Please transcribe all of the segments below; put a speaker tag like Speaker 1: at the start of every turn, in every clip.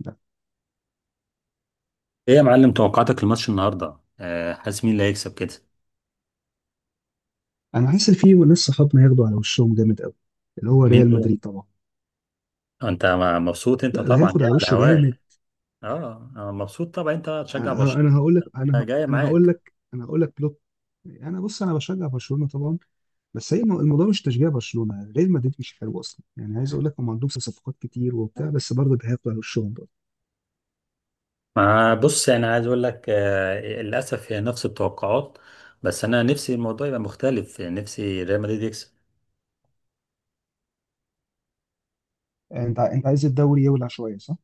Speaker 1: لا.
Speaker 2: ايه يا معلم، توقعاتك الماتش النهارده؟ حاسس مين اللي هيكسب كده؟
Speaker 1: انا حاسس إن في ناس صحابنا هياخدوا على وشهم جامد قوي. اللي هو
Speaker 2: مين
Speaker 1: ريال
Speaker 2: دول؟
Speaker 1: مدريد طبعا.
Speaker 2: انت مبسوط، انت
Speaker 1: لا، ده
Speaker 2: طبعا
Speaker 1: هياخد
Speaker 2: جاي
Speaker 1: على
Speaker 2: على
Speaker 1: وشه جامد.
Speaker 2: هواك. اه، أنا مبسوط طبعا، انت تشجع برشلونه.
Speaker 1: انا هقول لك، انا ه-
Speaker 2: جاي
Speaker 1: انا هقول
Speaker 2: معاك.
Speaker 1: لك انا هقول لك بلوك. انا بص، انا بشجع برشلونه طبعا. بس هي الموضوع مش تشجيع برشلونه، ريال مدريد مش حلو اصلا، يعني عايز اقول لك هم عندهم صفقات كتير وبتاع، بس برضه ده هياخدوا على وشهم برضه.
Speaker 2: ما بص، يعني عايز اقول لك، للاسف هي نفس التوقعات. بس انا نفسي الموضوع يبقى مختلف، نفسي ريال مدريد يكسب.
Speaker 1: انت عايز الدوري يولع شويه، صح؟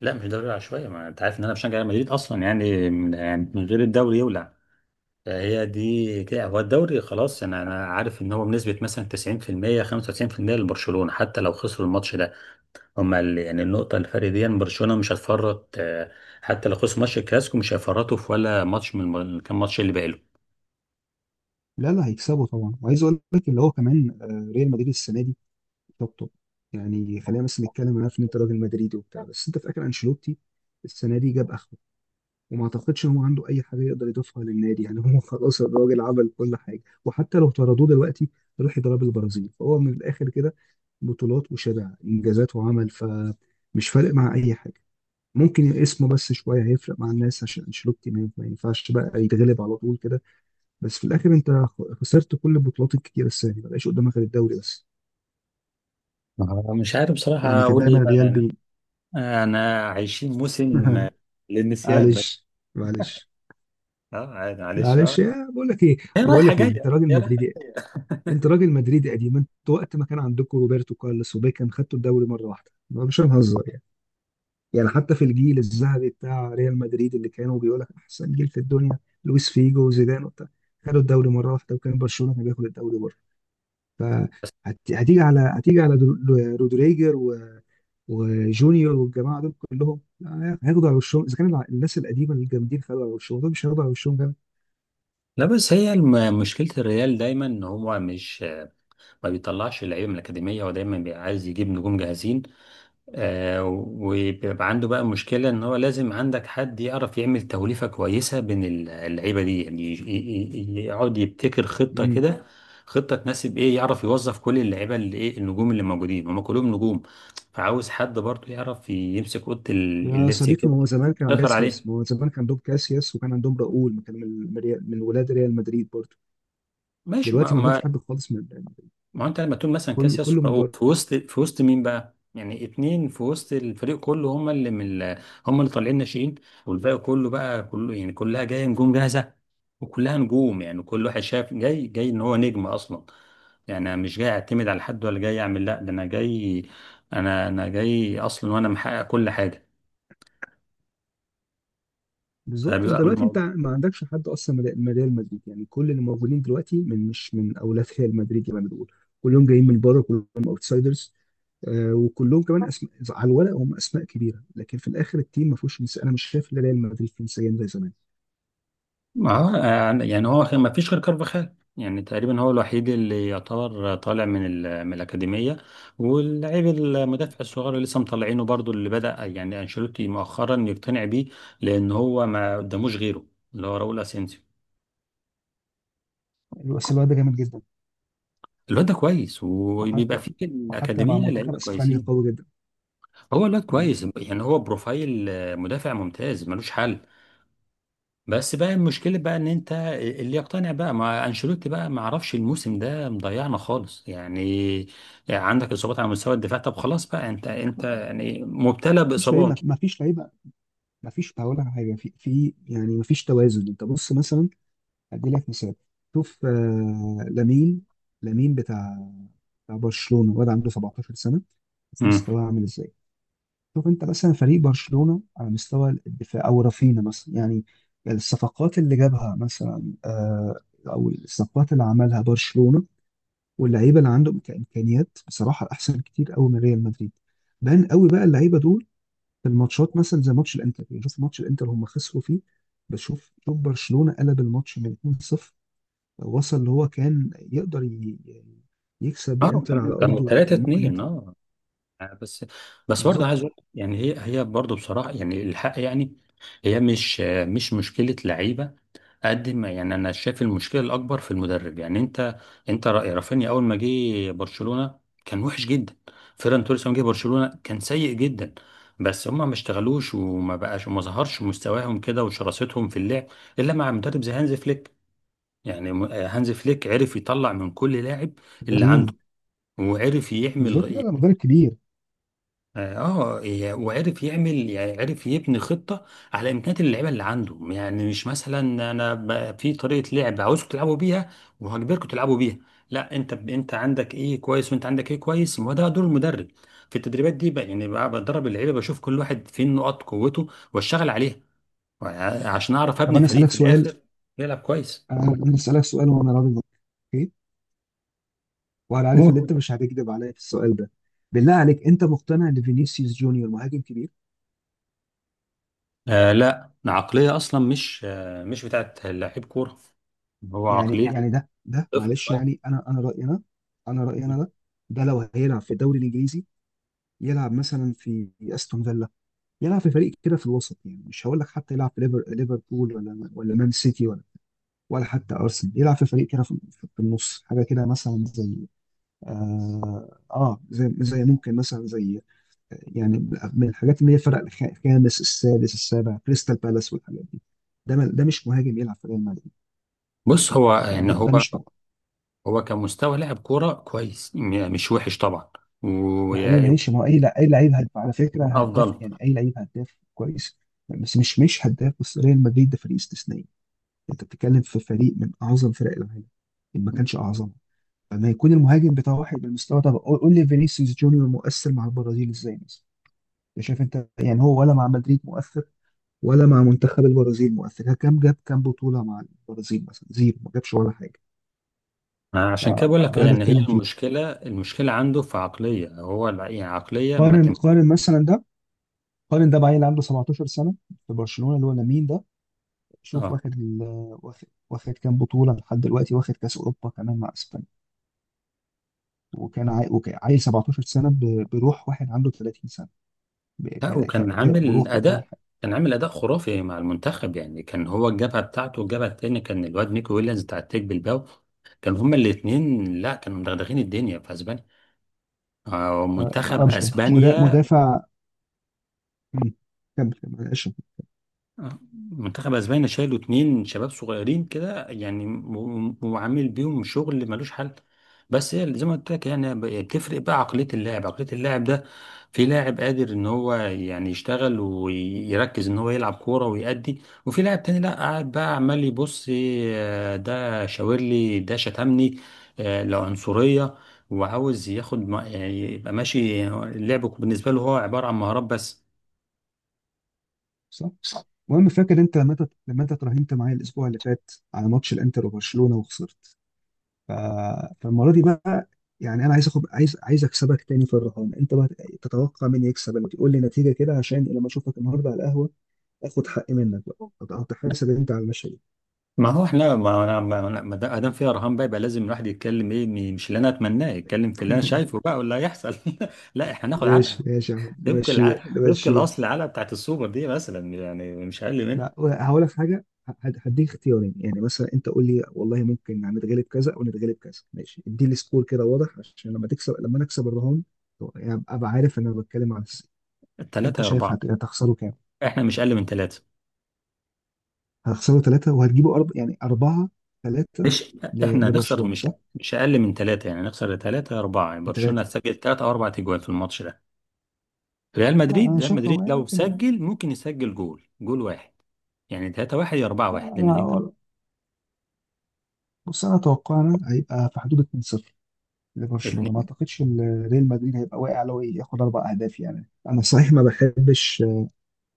Speaker 2: لا، مش دوري العشوائيه، ما انت عارف ان انا بشجع ريال مدريد اصلا، يعني من يعني من غير الدوري يولع. فهي دي كده، هو الدوري خلاص، انا عارف ان هو بنسبه مثلا 90% 95% لبرشلونه، حتى لو خسروا الماتش ده. هم يعني النقطه، الفرق دي إن برشلونه مش هتفرط، حتى لو خسروا ماتش الكلاسيكو مش هيفرطوا في ولا ماتش من كام ماتش اللي باقي لهم.
Speaker 1: لا، لا، هيكسبوا طبعا، وعايز اقول لك اللي هو كمان، ريال مدريد السنه دي حطه. يعني خلينا بس نتكلم، انا عارف ان انت راجل مدريدي وبتاع، بس انت في الاخر انشيلوتي السنه دي جاب اخره. وما اعتقدش ان هو عنده اي حاجه يقدر يضيفها للنادي، يعني هو خلاص الراجل عمل كل حاجه، وحتى لو طردوه دلوقتي يروح يضرب البرازيل، فهو من الاخر كده بطولات وشبع انجازات وعمل، فمش فارق مع اي حاجه. ممكن اسمه بس شويه هيفرق مع الناس، عشان انشيلوتي ما ينفعش بقى يتغلب على طول كده. بس في الاخر انت خسرت كل البطولات الكتيره السنه دي، ما بقاش قدامك غير الدوري بس.
Speaker 2: مش عارف بصراحه
Speaker 1: يعني كان
Speaker 2: اقول
Speaker 1: دايما
Speaker 2: ايه بقى
Speaker 1: الريال
Speaker 2: يعني.
Speaker 1: بي
Speaker 2: انا عايشين موسم للنسيان بس.
Speaker 1: معلش، معلش،
Speaker 2: اه، عادي، معلش، اه.
Speaker 1: معلش يا بقول لك ايه.
Speaker 2: هي
Speaker 1: بقول
Speaker 2: رايحه
Speaker 1: لك ايه، انت
Speaker 2: جايه،
Speaker 1: راجل
Speaker 2: هي رايحه
Speaker 1: مدريدي،
Speaker 2: جايه.
Speaker 1: انت راجل مدريدي قديم، انت وقت ما كان عندكم روبرتو كارلوس وبيكهام خدتوا الدوري مره واحده، ما مش هنهزر يعني. يعني حتى في الجيل الذهبي بتاع ريال مدريد، اللي كانوا بيقول لك احسن جيل في الدنيا لويس فيجو وزيدان وبتاع، خدوا الدوري مره واحده وكان برشلونه كان بياخد الدوري بره. فهتيجي على هتيجي على رودريجر و... وجونيور والجماعه دول كلهم، لا، هياخدوا على وشهم، اذا كان الناس القديمه الجامدين خدوا على وشهم، دول مش هياخدوا على وشهم
Speaker 2: لا، بس هي مشكلة الريال دايما ان هو مش ما بيطلعش اللعيبه من الاكاديميه، هو دايما بيبقى عايز يجيب نجوم جاهزين. وبيبقى عنده بقى مشكله ان هو لازم عندك حد يعرف يعمل توليفه كويسه بين اللعيبه دي، يعني يقعد يبتكر خطه
Speaker 1: جامد.
Speaker 2: كده. خطه تناسب ايه، يعرف يوظف كل اللعيبه، اللي ايه النجوم اللي موجودين هم كلهم نجوم. فعاوز حد برضه يعرف يمسك اوضه
Speaker 1: يا
Speaker 2: اللبس
Speaker 1: صديقي، ما
Speaker 2: كده،
Speaker 1: هو زمان كان عند
Speaker 2: يسيطر
Speaker 1: كاسياس ما
Speaker 2: عليه.
Speaker 1: هو زمان كان عندهم كاسياس وكان عندهم راؤول، ما كان من ولاد ريال مدريد برضه.
Speaker 2: ماشي،
Speaker 1: دلوقتي ما عندهمش حد خالص من،
Speaker 2: ما هو انت لما تكون مثلا
Speaker 1: كل
Speaker 2: كاسياس
Speaker 1: كله من
Speaker 2: وراؤول
Speaker 1: بره.
Speaker 2: في وسط مين بقى؟ يعني اتنين في وسط الفريق كله، هم اللي من هم اللي طالعين ناشئين. والباقي كله بقى كله، يعني كلها جايه نجوم جاهزه، وكلها نجوم. يعني كل واحد شاف جاي، جاي ان هو نجم اصلا، يعني انا مش جاي اعتمد على حد، ولا جاي اعمل، لا، ده انا جاي، انا جاي اصلا، وانا محقق كل حاجه.
Speaker 1: بالظبط، انت
Speaker 2: فبيبقى
Speaker 1: دلوقتي انت
Speaker 2: الموضوع،
Speaker 1: ما عندكش حد اصلا من ريال مدريد، يعني كل اللي موجودين دلوقتي من، مش من اولاد ريال مدريد زي ما بنقول، كلهم جايين من بره، كلهم اوتسايدرز. آه، وكلهم كمان اسماء على الورق، هم اسماء كبيره لكن في الاخر التيم ما فيهوش انا مش شايف ان ريال مدريد فيه نسيان زي زمان.
Speaker 2: ما هو يعني هو ما فيش غير كارفاخال، يعني تقريبا هو الوحيد اللي يعتبر طالع من من الأكاديمية. واللاعب المدافع الصغير اللي لسه مطلعينه برضو، اللي بدأ يعني أنشيلوتي مؤخرا يقتنع بيه، لأن هو ما قداموش غيره، اللي هو راؤول أسينسيو.
Speaker 1: بس الواد ده جامد جدا.
Speaker 2: الواد ده كويس، وبيبقى
Speaker 1: وحتى،
Speaker 2: فيه في
Speaker 1: مع
Speaker 2: الأكاديمية
Speaker 1: منتخب
Speaker 2: لعيبة
Speaker 1: اسبانيا
Speaker 2: كويسين.
Speaker 1: قوي جدا.
Speaker 2: هو الواد كويس، يعني هو بروفايل مدافع ممتاز ملوش حل. بس بقى المشكلة بقى ان انت اللي يقتنع بقى مع انشيلوتي بقى، ما اعرفش، الموسم ده مضيعنا خالص يعني. عندك اصابات على مستوى الدفاع، طب خلاص بقى، انت يعني مبتلى
Speaker 1: مفيش
Speaker 2: باصابات.
Speaker 1: لعيبه، مفيش لعيبه، مفيش، هقول لك على حاجه في، في، يعني مفيش توازن. انت بص مثلا، ادي لك مثال. شوف، لامين، لامين بتاع بتاع برشلونه، واد عنده 17 سنه، شوف
Speaker 2: امم.
Speaker 1: مستواه عامل ازاي. شوف انت مثلا فريق برشلونه على مستوى الدفاع، او رافينا مثلا، يعني الصفقات اللي جابها مثلا، او الصفقات اللي عملها برشلونه، واللعيبه اللي عندهم كامكانيات بصراحه احسن كتير قوي من ريال مدريد. بان قوي بقى اللعيبه دول في الماتشات، مثلا زي ماتش الانتر، يعني شوف ماتش الانتر هم خسروا فيه، بس شوف، شوف برشلونة قلب الماتش من 2-0، وصل اللي هو كان يقدر يعني يكسب
Speaker 2: اه،
Speaker 1: الانتر على
Speaker 2: كانوا
Speaker 1: ارضه
Speaker 2: 3
Speaker 1: وكان ممكن
Speaker 2: 2
Speaker 1: يطلع.
Speaker 2: اه. بس، برضه
Speaker 1: بالظبط.
Speaker 2: عايز اقول لك يعني، هي برضه بصراحة، يعني الحق يعني، هي مش مشكلة لعيبة، قد ما يعني انا شايف المشكله الاكبر في المدرب. يعني انت، انت رأي رافينيا، اول ما جه برشلونه كان وحش جدا. فيران توريس لما جه برشلونه كان سيء جدا. بس هما ما اشتغلوش، وما بقاش وما ظهرش مستواهم كده وشراستهم في اللعب الا مع مدرب زي هانز فليك. يعني هانز فليك عرف يطلع من كل لاعب اللي عنده،
Speaker 1: عظيم.
Speaker 2: وعرف
Speaker 1: بالظبط، لا
Speaker 2: يعمل.
Speaker 1: ده مدرب كبير.
Speaker 2: اه، وعرف يعمل، يعني عرف يبني خطه على امكانيات اللعيبه اللي عنده. يعني مش مثلا، انا في طريقه لعب عاوزكم تلعبوا بيها، وهجبركم تلعبوا بيها، لا، انت انت عندك ايه كويس، وانت عندك ايه كويس، وده دور المدرب في التدريبات دي بقى. يعني بقى بدرب اللعيبه، بشوف كل واحد فين نقاط قوته، واشتغل عليها، عشان اعرف
Speaker 1: طب
Speaker 2: ابني
Speaker 1: انا
Speaker 2: فريق
Speaker 1: اسالك
Speaker 2: في
Speaker 1: سؤال،
Speaker 2: الاخر يلعب كويس.
Speaker 1: أنا اسالك سؤال وانا راضي عنك. اوكي. وانا عارف ان
Speaker 2: قول.
Speaker 1: انت مش هتكذب عليا في السؤال ده. بالله عليك، انت مقتنع ان فينيسيوس جونيور مهاجم كبير؟
Speaker 2: لا، عقليه اصلا مش مش بتاعت لعيب كوره، هو
Speaker 1: يعني
Speaker 2: عقليته
Speaker 1: يعني ده معلش،
Speaker 2: طفل.
Speaker 1: يعني انا رايي انا، انا رايي انا ده، ده لو هيلعب في الدوري الانجليزي، يلعب مثلا في استون فيلا، يلعب في فريق كده في الوسط، يعني مش هقول لك حتى يلعب في ليفربول ولا مان سيتي ولا حتى ارسنال، يلعب في فريق كده في، في النص حاجه كده، مثلا زي، اه، زي، زي، ممكن مثلا زي، يعني من الحاجات اللي هي فرق الخامس السادس السابع، كريستال بالاس والحاجات دي. ده ده مش مهاجم يلعب في ريال مدريد.
Speaker 2: بص، هو
Speaker 1: ده,
Speaker 2: يعني
Speaker 1: ده,
Speaker 2: هو،
Speaker 1: ده مش مهاجم.
Speaker 2: هو كمستوى لاعب كوره كويس، يعني مش وحش طبعا،
Speaker 1: يا حبيبي
Speaker 2: ويعني
Speaker 1: ماشي، ما هو اي اي لعيب هداف على فكره،
Speaker 2: من
Speaker 1: هداف
Speaker 2: افضل.
Speaker 1: يعني، اي لعيب هداف كويس، بس مش هداف بس، ريال مدريد ده فريق استثنائي، انت بتتكلم في فريق من اعظم فرق العالم، ان ما كانش اعظمها، فما يكون المهاجم بتاع واحد بالمستوى ده. قول، قول لي فينيسيوس جونيور مؤثر مع البرازيل ازاي مثلا، انت شايف انت، يعني هو، ولا مع مدريد مؤثر ولا مع منتخب البرازيل مؤثر، جاب كام بطولة مع البرازيل مثلا؟ زيرو، ما جابش ولا حاجة. ف-
Speaker 2: عشان كده بقول لك،
Speaker 1: فده اللي
Speaker 2: يعني هي
Speaker 1: بتكلم فيه.
Speaker 2: المشكله، المشكله عنده في عقليه، هو يعني عقليه ما
Speaker 1: قارن
Speaker 2: تم.
Speaker 1: قارن مثلا ده، قارن ده بعيل عنده 17 سنة في برشلونة، اللي هو لامين ده، شوف
Speaker 2: اه،
Speaker 1: واخد واخد كام بطولة لحد دلوقتي، واخد كأس أوروبا كمان مع اسبانيا. وكان عيل 17 سنة بروح واحد عنده 30 سنة،
Speaker 2: لا، وكان
Speaker 1: كأداء
Speaker 2: عامل
Speaker 1: وروح وكل
Speaker 2: اداء،
Speaker 1: حاجة.
Speaker 2: كان عامل اداء خرافي مع المنتخب، يعني كان هو الجبهه بتاعته، والجبهه الثانيه كان الواد نيكو ويليامز بتاع التيك بالباو، كانوا هما الاثنين، لا، كانوا مدغدغين الدنيا في اسبانيا،
Speaker 1: ف...
Speaker 2: منتخب
Speaker 1: فمش ده
Speaker 2: اسبانيا.
Speaker 1: مدافع. مم. كمل، كمل، معلش.
Speaker 2: آه، منتخب اسبانيا شالوا اتنين شباب صغيرين كده يعني، وعامل بيهم شغل ملوش حل. بس هي زي ما قلت لك، يعني بتفرق بقى عقلية اللاعب، عقلية اللاعب ده. في لاعب قادر ان هو يعني يشتغل ويركز ان هو يلعب كورة ويأدي، وفي لاعب تاني لا، قاعد بقى عمال يبص، ده شاور لي، ده شتمني، لا، عنصرية، وعاوز ياخد، يعني يبقى ماشي، اللعب بالنسبة له هو عبارة عن مهارات بس.
Speaker 1: صح. المهم، فاكر انت لما انت اترهنت معايا الاسبوع اللي فات على ماتش الانتر وبرشلونة وخسرت؟ ف... فالمرة دي بقى، يعني انا عايز اخد، عايز اكسبك تاني في الرهان، انت بقى تتوقع مين يكسب الماتش؟ قول لي نتيجة كده عشان لما اشوفك النهارده على القهوة اخد حقي منك، بقى هتحاسب انت على المشهد.
Speaker 2: ما هو احنا، ما انا ما أنا- ما دا- ما دام فيها رهان بقى، يبقى لازم الواحد يتكلم ايه، مش اللي انا اتمناه، يتكلم في اللي انا شايفه بقى واللي هيحصل. لا، احنا ناخد علقه
Speaker 1: ماشي، ماشي يا عم،
Speaker 2: طبق
Speaker 1: نمشيها،
Speaker 2: العقل، طبق
Speaker 1: نمشيها.
Speaker 2: الاصل العلقه بتاعت السوبر دي مثلا، يعني مش اقل منها.
Speaker 1: لا هقول لك حاجه، هديك اختيارين، يعني مثلا انت قول لي والله ممكن يعني نتغلب كذا او نتغلب كذا، ماشي؟ ادي لي سكور كده واضح عشان لما تكسب، لما نكسب الرهان يعني ابقى عارف ان انا بتكلم عن انت
Speaker 2: ثلاثه يا
Speaker 1: شايف
Speaker 2: اربعه.
Speaker 1: هتخسره كام؟
Speaker 2: احنا مش اقل من ثلاثه.
Speaker 1: هتخسره ثلاثه وهتجيبه يعني اربعه، ثلاثه
Speaker 2: مش، احنا هنخسر،
Speaker 1: لبرشلونه،
Speaker 2: مش
Speaker 1: صح؟
Speaker 2: مش اقل من ثلاثه، يعني هنخسر ثلاثه يا اربعه، يعني برشلونه
Speaker 1: بثلاثه.
Speaker 2: هتسجل 3 او 4 اجوال في الماتش ده. ريال
Speaker 1: لا
Speaker 2: مدريد،
Speaker 1: انا
Speaker 2: ريال
Speaker 1: شايف لو
Speaker 2: مدريد
Speaker 1: هي
Speaker 2: لو
Speaker 1: ممكن،
Speaker 2: سجل، ممكن يسجل جول، جول واحد، يعني 3 واحد يا 4
Speaker 1: لا
Speaker 2: واحد لان انت.
Speaker 1: بص انا اتوقعنا هيبقى في حدود 2-0 لبرشلونه، ما
Speaker 2: اتنين.
Speaker 1: اعتقدش ان ريال مدريد هيبقى واقع لو ياخد اربع اهداف، يعني انا صحيح ما بحبش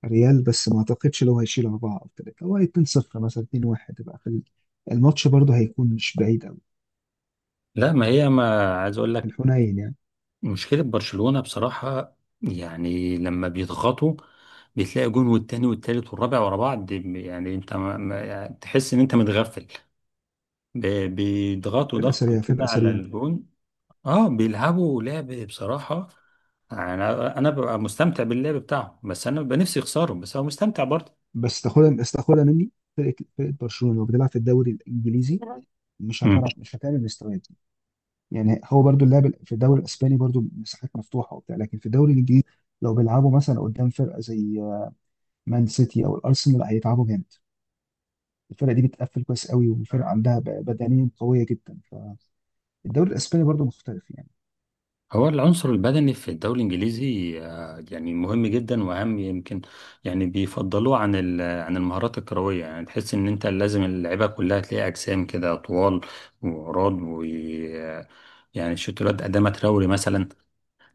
Speaker 1: ريال، بس ما اعتقدش لو هيشيل اربعه او ثلاثه، هو 2-0 مثلا، 2-1، يبقى خلي الماتش برضه هيكون مش بعيد قوي،
Speaker 2: لا، ما هي، ما عايز اقول لك،
Speaker 1: الحنين يعني.
Speaker 2: مشكلة برشلونة بصراحة، يعني لما بيضغطوا، بتلاقي جون والتاني والتالت والرابع ورا بعض، يعني انت، يعني تحس ان انت متغفل، بيضغطوا
Speaker 1: فرقه
Speaker 2: ضغط
Speaker 1: سريعه،
Speaker 2: كده
Speaker 1: فرقه
Speaker 2: على
Speaker 1: سريعه.
Speaker 2: الجون. اه، بيلعبوا لعب بصراحة، انا ببقى مستمتع باللعب بتاعهم، بس انا ببقى نفسي يخسروا، بس هو مستمتع برضه.
Speaker 1: بس تاخدها، بس تاخدها مني، فرقه برشلونه لو بتلعب في الدوري الانجليزي مش هتعمل مستويات دي، يعني هو برضه اللاعب في الدوري الاسباني برضه مساحات مفتوحه وبتاع، لكن في الدوري الانجليزي لو بيلعبوا مثلا قدام فرقه زي مان سيتي او الارسنال هيتعبوا جامد، الفرقه دي بتقفل كويس قوي، وفرقه
Speaker 2: مم.
Speaker 1: عندها بدنيا قويه جدا، فالدوري الاسباني برضه مختلف يعني.
Speaker 2: هو العنصر البدني في الدوري الإنجليزي يعني مهم جدا، وأهم يمكن، يعني بيفضلوه عن عن المهارات الكروية. يعني تحس إن أنت لازم اللعيبة كلها تلاقي أجسام كده طوال وعراض، و، يعني شوتولات قدامها تروري مثلا.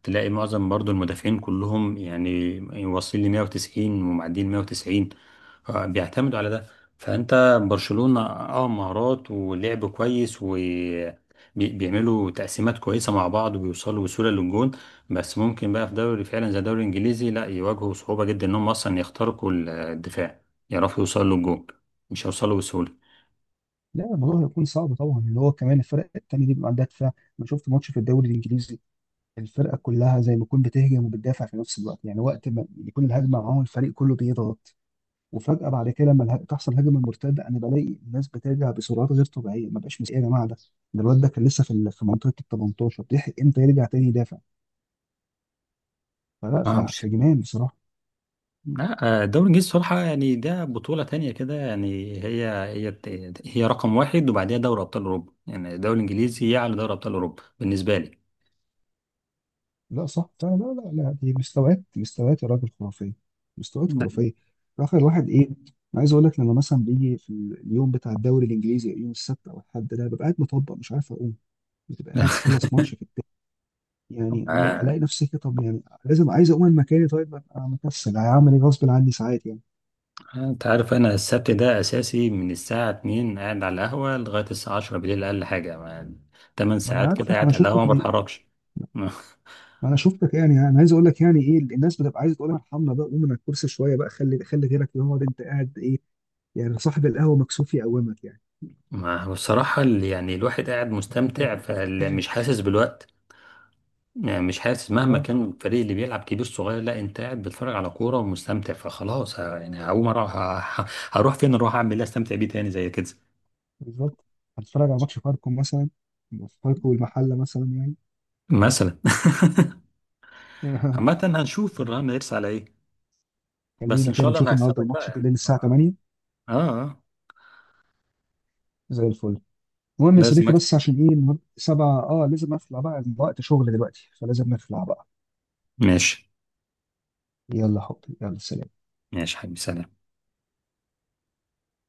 Speaker 2: تلاقي معظم برضو المدافعين كلهم يعني واصلين ل 190، ومعديين 190. بيعتمدوا على ده. فانت برشلونة مهارات ولعب كويس، وبيعملوا تقسيمات كويسة مع بعض، وبيوصلوا بسهولة للجون. بس ممكن بقى في دوري فعلا زي الدوري الانجليزي، لا، يواجهوا صعوبة جدا انهم اصلا يخترقوا الدفاع، يعرفوا يوصلوا للجون، مش هيوصلوا بسهولة.
Speaker 1: لا الموضوع هيكون صعب طبعا، اللي هو كمان الفرق التانية دي بيبقى عندها دفاع. انا شفت ماتش في الدوري الانجليزي، الفرقه كلها زي ما تكون بتهجم وبتدافع في نفس الوقت، يعني وقت ما يكون الهجمه معاهم الفريق كله بيضغط، وفجاه بعد كده لما تحصل هجمه مرتده انا بلاقي الناس بترجع بسرعات غير طبيعيه، ما بقاش ايه يا جماعه ده، ده الواد ده كان لسه في منطقه ال 18 بيلحق امتى يرجع تاني يدافع. فلا، فجنان بصراحه.
Speaker 2: لا، الدوري الانجليزي بصراحه يعني ده بطوله تانية كده، يعني هي رقم واحد، وبعديها دوري ابطال اوروبا، يعني الدوري الانجليزي يعلى دوري ابطال اوروبا بالنسبه لي.
Speaker 1: لا صح فعلا، لا، لا، لا، دي مستويات، مستويات يا راجل خرافيه، مستويات
Speaker 2: لا.
Speaker 1: خرافيه. في اخر الواحد ايه، انا عايز اقول لك لما مثلا بيجي في اليوم بتاع الدوري الانجليزي، يوم السبت او الاحد ده، ببقى قاعد مطبق مش عارف اقوم، بتبقى قاعد تخلص ماتش في التاني، يعني ببقى
Speaker 2: آه،
Speaker 1: الاقي نفسي كده، طب يعني لازم عايز اقوم من مكاني، طيب ببقى مكسل، هعمل ايه غصب عني ساعات يعني.
Speaker 2: انت عارف انا السبت ده اساسي، من الساعه 2 قاعد على القهوه لغايه الساعه 10 بالليل، اقل حاجه 8
Speaker 1: ما انا
Speaker 2: ساعات
Speaker 1: عارفك،
Speaker 2: كده
Speaker 1: ما انا
Speaker 2: قاعد على القهوه،
Speaker 1: شفتك
Speaker 2: ما
Speaker 1: ليه،
Speaker 2: بتحركش. ما
Speaker 1: ما انا شفتك، يعني انا عايز اقول لك، يعني ايه الناس بتبقى عايزه تقول لك ارحمنا بقى، قوم من على الكرسي شويه بقى، خلي غيرك يقعد، انت قاعد ايه يعني، صاحب القهوه مكسوف يقومك يعني.
Speaker 2: بصراحه يعني الواحد قاعد مستمتع، فمش حاسس بالوقت. يعني مش حاسس، مهما
Speaker 1: اه،
Speaker 2: كان الفريق اللي بيلعب كبير صغير، لا، انت قاعد بتتفرج على كوره ومستمتع، فخلاص يعني هقوم اروح، هروح فين، اروح اعمل ايه، استمتع بيه تاني زي كده
Speaker 1: بالظبط. هتتفرج على ماتش فاركو مثلا، فاركو والمحله مثلا يعني.
Speaker 2: مثلا. عامة هنشوف الرهان هيرس على ايه. بس
Speaker 1: خلينا
Speaker 2: ان
Speaker 1: كده
Speaker 2: شاء الله انا
Speaker 1: نشوف النهارده
Speaker 2: هكسبك بقى
Speaker 1: الماتش
Speaker 2: يعني.
Speaker 1: بالليل الساعه 8،
Speaker 2: اه، اه،
Speaker 1: زي الفل. المهم يا
Speaker 2: لازم
Speaker 1: صديقي،
Speaker 2: اكسب.
Speaker 1: بس عشان ايه النهارده 7، اه لازم اخلع بقى، الوقت شغل دلوقتي فلازم نخلع بقى.
Speaker 2: ماشي،
Speaker 1: يلا حبيبي، يلا، سلام.
Speaker 2: ماشي حبيبي، سلام.